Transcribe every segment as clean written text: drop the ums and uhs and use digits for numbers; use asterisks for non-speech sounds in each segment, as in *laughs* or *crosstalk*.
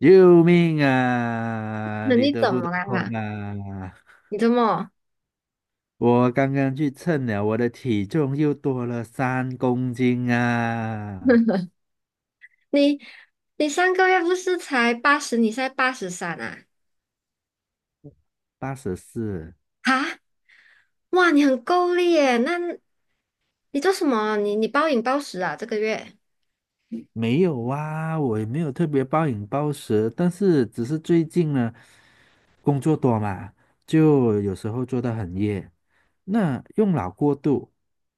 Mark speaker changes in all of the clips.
Speaker 1: 救命啊！
Speaker 2: 那
Speaker 1: 你
Speaker 2: 你
Speaker 1: 得
Speaker 2: 怎
Speaker 1: 不得
Speaker 2: 么了
Speaker 1: 空
Speaker 2: 啦？
Speaker 1: 啊？
Speaker 2: 你怎么？
Speaker 1: 我刚刚去称了，我的体重又多了3公斤啊，
Speaker 2: *laughs* 你上个月不是才八十，你现在83啊？
Speaker 1: 84。
Speaker 2: 啊，哇，你很够力耶！那你做什么？你暴饮暴食啊？这个月
Speaker 1: 没有啊，我也没有特别暴饮暴食，但是只是最近呢，工作多嘛，就有时候做到很夜，那用脑过度，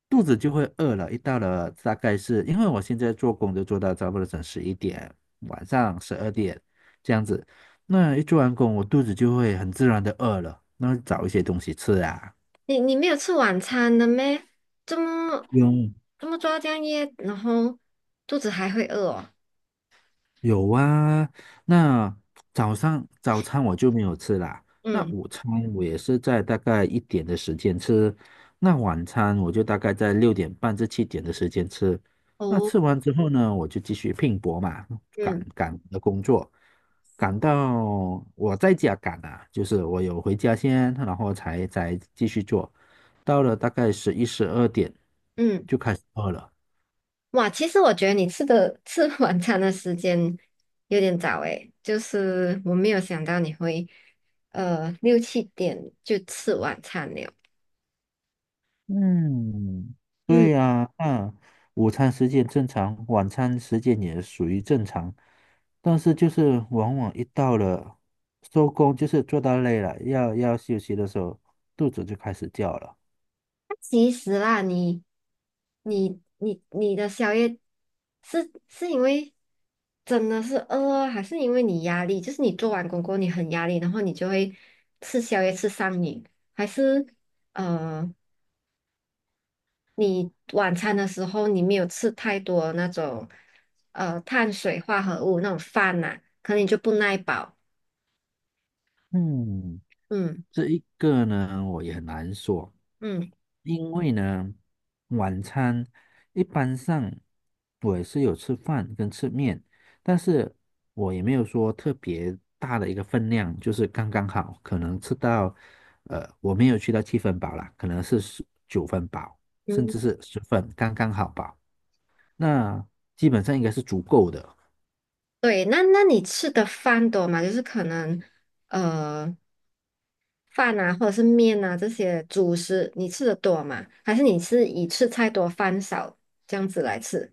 Speaker 1: 肚子就会饿了。一到了大概是因为我现在做工就做到差不多整11点，晚上十二点这样子，那一做完工，我肚子就会很自然的饿了，那找一些东西吃啊。
Speaker 2: 你没有吃晚餐的咩？这么
Speaker 1: 用。
Speaker 2: 这么抓这样夜，然后肚子还会饿哦。
Speaker 1: 有啊，那早上早餐我就没有吃啦。那
Speaker 2: 嗯，
Speaker 1: 午餐我也是在大概一点的时间吃，那晚餐我就大概在6点半至7点的时间吃。那
Speaker 2: 哦，
Speaker 1: 吃完之后呢，我就继续拼搏嘛，赶
Speaker 2: 嗯
Speaker 1: 赶我的工作，赶到我在家赶啊，就是我有回家先，然后才继续做。到了大概11、12点
Speaker 2: 嗯。
Speaker 1: 就开始饿了。
Speaker 2: 哇，其实我觉得你吃的 *laughs* 吃晚餐的时间有点早诶，就是我没有想到你会6、7点就吃晚餐了。
Speaker 1: 嗯，
Speaker 2: 嗯，
Speaker 1: 对呀，那午餐时间正常，晚餐时间也属于正常，但是就是往往一到了收工，就是做到累了，要休息的时候，肚子就开始叫了。
Speaker 2: 那其实啦，你的宵夜是因为真的是饿啊，还是因为你压力？就是你做完工过后你很压力，然后你就会吃宵夜吃上瘾，还是？呃，你晚餐的时候你没有吃太多那种碳水化合物那种饭呐、可能你就不耐饱。
Speaker 1: 嗯，
Speaker 2: 嗯
Speaker 1: 这一个呢，我也很难说。
Speaker 2: 嗯
Speaker 1: 因为呢，晚餐一般上我也是有吃饭跟吃面，但是我也没有说特别大的一个分量，就是刚刚好，可能吃到，我没有去到七分饱啦，可能是十九分饱，甚
Speaker 2: 嗯，
Speaker 1: 至是十分，刚刚好饱，那基本上应该是足够的。
Speaker 2: 对，那你吃的饭多吗？就是可能呃饭啊，或者是面啊这些主食，你吃的多吗？还是你是以吃菜多饭少这样子来吃？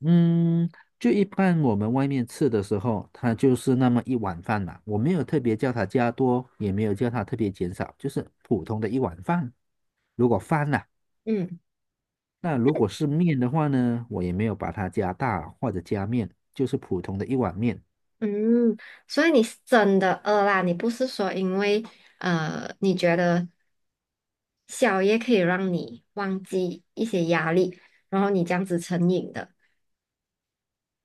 Speaker 1: 嗯，就一般我们外面吃的时候，它就是那么一碗饭嘛，我没有特别叫它加多，也没有叫它特别减少，就是普通的一碗饭。如果饭呐、
Speaker 2: 嗯
Speaker 1: 那如果是面的话呢，我也没有把它加大或者加面，就是普通的一碗面。
Speaker 2: 嗯，所以你是真的饿啦，你不是说因为你觉得小也可以让你忘记一些压力，然后你这样子成瘾的。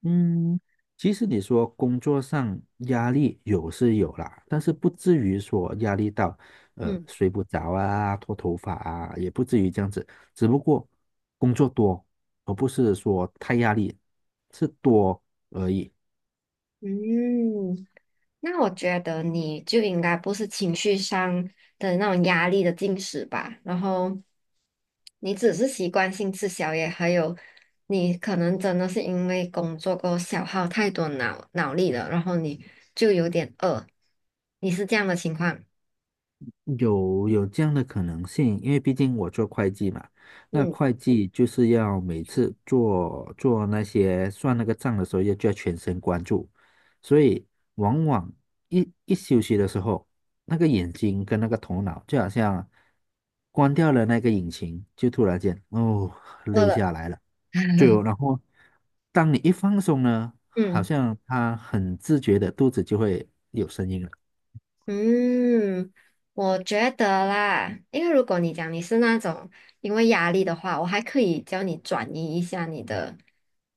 Speaker 1: 嗯，其实你说工作上压力有是有啦，但是不至于说压力到
Speaker 2: 嗯
Speaker 1: 睡不着啊、脱头发啊，也不至于这样子。只不过工作多，而不是说太压力，是多而已。
Speaker 2: 嗯，那我觉得你就应该不是情绪上的那种压力的进食吧，然后你只是习惯性吃宵夜，还有你可能真的是因为工作过后消耗太多脑力了，然后你就有点饿，你是这样的情况？
Speaker 1: 有这样的可能性，因为毕竟我做会计嘛，那
Speaker 2: 嗯，
Speaker 1: 会计就是要每次做那些算那个账的时候，要就要全神贯注，所以往往一休息的时候，那个眼睛跟那个头脑就好像关掉了那个引擎，就突然间哦
Speaker 2: 饿
Speaker 1: 累
Speaker 2: 了，
Speaker 1: 下来了，就然后当你一放松呢，好
Speaker 2: 嗯。
Speaker 1: 像他很自觉的肚子就会有声音了。
Speaker 2: 嗯，我觉得啦，因为如果你讲你是那种因为压力的话，我还可以教你转移一下你的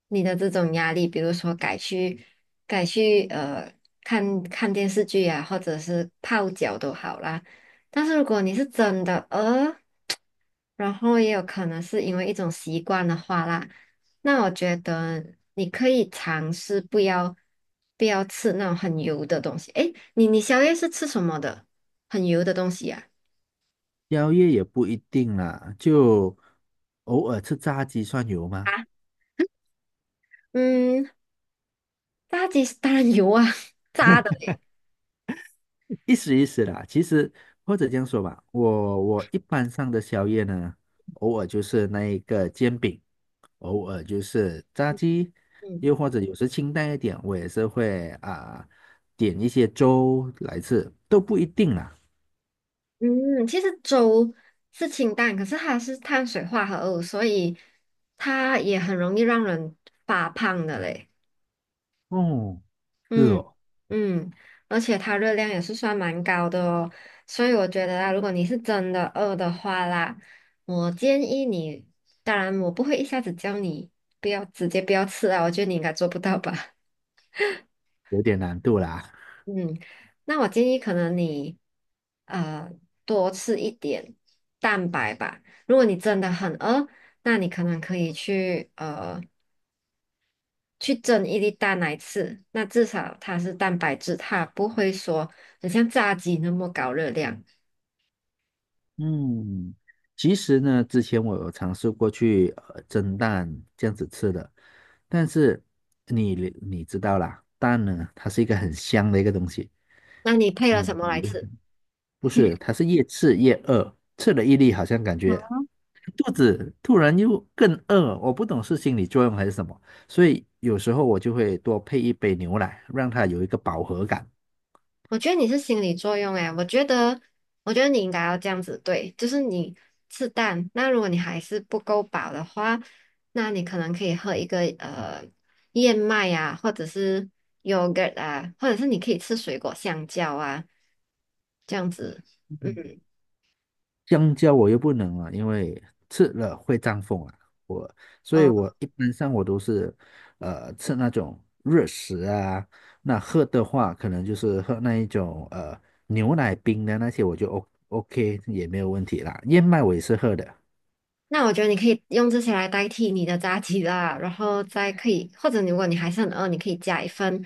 Speaker 2: 你的这种压力，比如说改去看看电视剧啊，或者是泡脚都好啦。但是如果你是真的然后也有可能是因为一种习惯的话啦，那我觉得你可以尝试不要吃那种很油的东西。诶，你你宵夜是吃什么的？很油的东西呀、
Speaker 1: 宵夜也不一定啦，就偶尔吃炸鸡算有
Speaker 2: 啊，
Speaker 1: 吗？
Speaker 2: 啊嗯，炸鸡是当然油啊，*laughs* 炸的诶。
Speaker 1: 意思意思啦。其实或者这样说吧，我一般上的宵夜呢，偶尔就是那一个煎饼，偶尔就是炸鸡，
Speaker 2: 嗯
Speaker 1: 又或者有时清淡一点，我也是会啊、点一些粥来吃，都不一定啦。
Speaker 2: 嗯，其实粥是清淡，可是它是碳水化合物，所以它也很容易让人发胖的嘞。
Speaker 1: 哦，是
Speaker 2: 嗯
Speaker 1: 哦，
Speaker 2: 嗯，而且它热量也是算蛮高的哦，所以我觉得啊，如果你是真的饿的话啦，我建议你，当然我不会一下子叫你不要吃啊，我觉得你应该做不到吧。*laughs*
Speaker 1: 有点难度啦。*laughs*
Speaker 2: 嗯，那我建议可能你呃多吃一点蛋白吧。如果你真的很饿，那你可能可以去去蒸一粒蛋来吃，那至少它是蛋白质，它不会说很像炸鸡那么高热量。
Speaker 1: 嗯，其实呢，之前我有尝试过去蒸蛋这样子吃的，但是你你知道啦，蛋呢，它是一个很香的一个东西，
Speaker 2: 那你配了什么来吃？
Speaker 1: 你不是，它是越吃越饿，吃了一粒好像感觉肚子突然又更饿，我不懂是心理作用还是什么，所以有时候我就会多配一杯牛奶，让它有一个饱和感。
Speaker 2: 我觉得你是心理作用诶，我觉得，我觉得你应该要这样子对，就是你吃蛋，那如果你还是不够饱的话，那你可能可以喝一个燕麦啊，或者是 yogurt 啊，或者是你可以吃水果香蕉啊，这样子，嗯
Speaker 1: 香蕉我又不能了，因为吃了会胀风啊。我，所以
Speaker 2: 嗯。
Speaker 1: 我一般上我都是，吃那种热食啊。那喝的话，可能就是喝那一种牛奶冰的那些，我就 O OK 也没有问题啦。燕麦我也是喝的。
Speaker 2: 那我觉得你可以用这些来代替你的炸鸡啦，然后再可以，或者如果你还是很饿，你可以加一份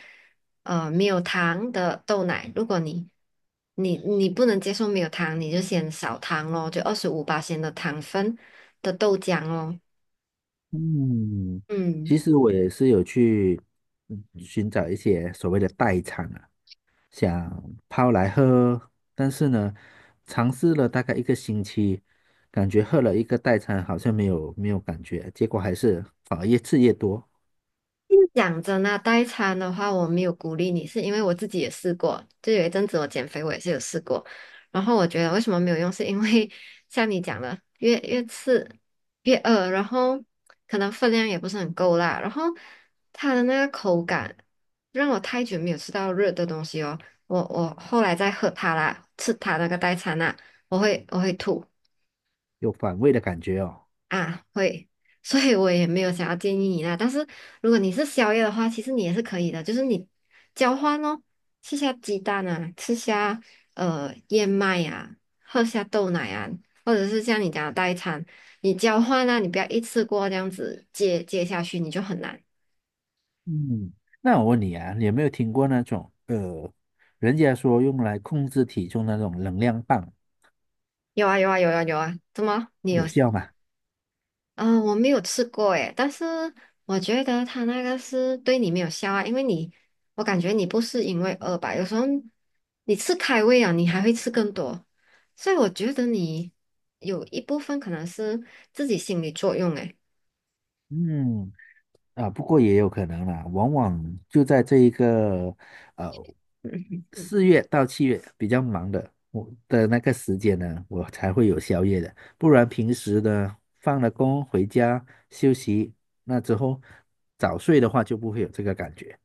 Speaker 2: 没有糖的豆奶。如果你不能接受没有糖，你就先少糖咯，就25%的糖分的豆浆哦。
Speaker 1: 嗯，
Speaker 2: 嗯。
Speaker 1: 其实我也是有去寻找一些所谓的代餐啊。想泡来喝喝但是呢，尝试了大概一个星期，感觉喝了一个代餐好像没有感觉，结果还是反而越吃越多，
Speaker 2: 讲真啊，代餐的话，我没有鼓励你，是因为我自己也试过，就有一阵子我减肥，我也是有试过。然后我觉得为什么没有用，是因为像你讲的，越吃越饿，然后可能分量也不是很够啦，然后它的那个口感让我太久没有吃到热的东西哦。我后来再喝它啦，吃它那个代餐啦，我会吐。
Speaker 1: 有反胃的感觉哦。
Speaker 2: 啊，会，所以我也没有想要建议你啦。但是如果你是宵夜的话，其实你也是可以的，就是你交换哦，吃下鸡蛋啊，吃下燕麦啊，喝下豆奶啊，或者是像你讲的代餐，你交换啊，你不要一次过这样子接下去，你就很难。
Speaker 1: 嗯，那我问你啊，你有没有听过那种人家说用来控制体重那种能量棒，
Speaker 2: 有啊有啊有啊有啊，怎么？你有
Speaker 1: 有效吗？
Speaker 2: 嗯，我没有吃过诶，但是我觉得他那个是对你没有效啊，因为你，我感觉你不是因为饿吧，有时候你吃开胃啊，你还会吃更多，所以我觉得你有一部分可能是自己心理作用诶。
Speaker 1: 嗯。啊，不过也有可能啦，往往就在这一个呃4月到7月比较忙的我的那个时间呢，我才会有宵夜的，不然平时呢放了工回家休息，那之后早睡的话就不会有这个感觉。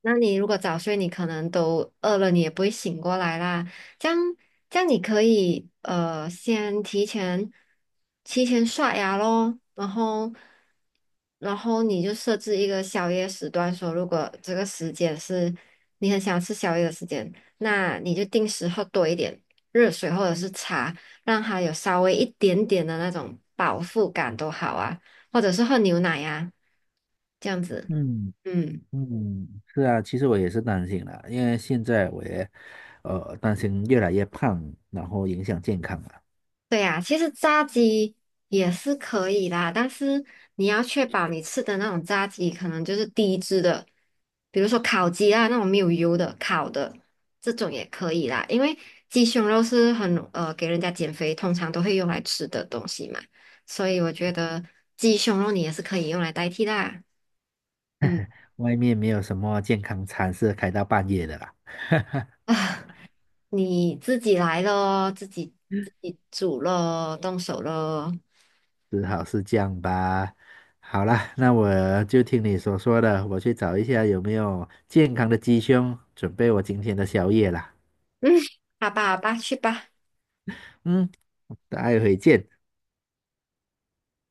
Speaker 2: 那你如果早睡，你可能都饿了，你也不会醒过来啦。这样，这样你可以先提前刷牙咯，然后你就设置一个宵夜时段，说如果这个时间是你很想吃宵夜的时间，那你就定时喝多一点热水或者是茶，让它有稍微一点点的那种饱腹感都好啊，或者是喝牛奶呀、这样子，
Speaker 1: 嗯
Speaker 2: 嗯。
Speaker 1: 嗯，是啊，其实我也是担心啦，因为现在我也担心越来越胖，然后影响健康了。
Speaker 2: 对呀，其实炸鸡也是可以啦，但是你要确保你吃的那种炸鸡可能就是低脂的，比如说烤鸡啊那种没有油的烤的这种也可以啦，因为鸡胸肉是很给人家减肥通常都会用来吃的东西嘛，所以我觉得鸡胸肉你也是可以用来代替啦。嗯
Speaker 1: 外面没有什么健康餐是开到半夜的啦。
Speaker 2: 啊，*laughs* 你自己来咯，自己煮咯，动手咯。
Speaker 1: 只好是这样吧。好啦，那我就听你所说的，我去找一下有没有健康的鸡胸，准备我今天的宵夜啦。
Speaker 2: 嗯，好吧好吧，去吧。
Speaker 1: 嗯，待会见。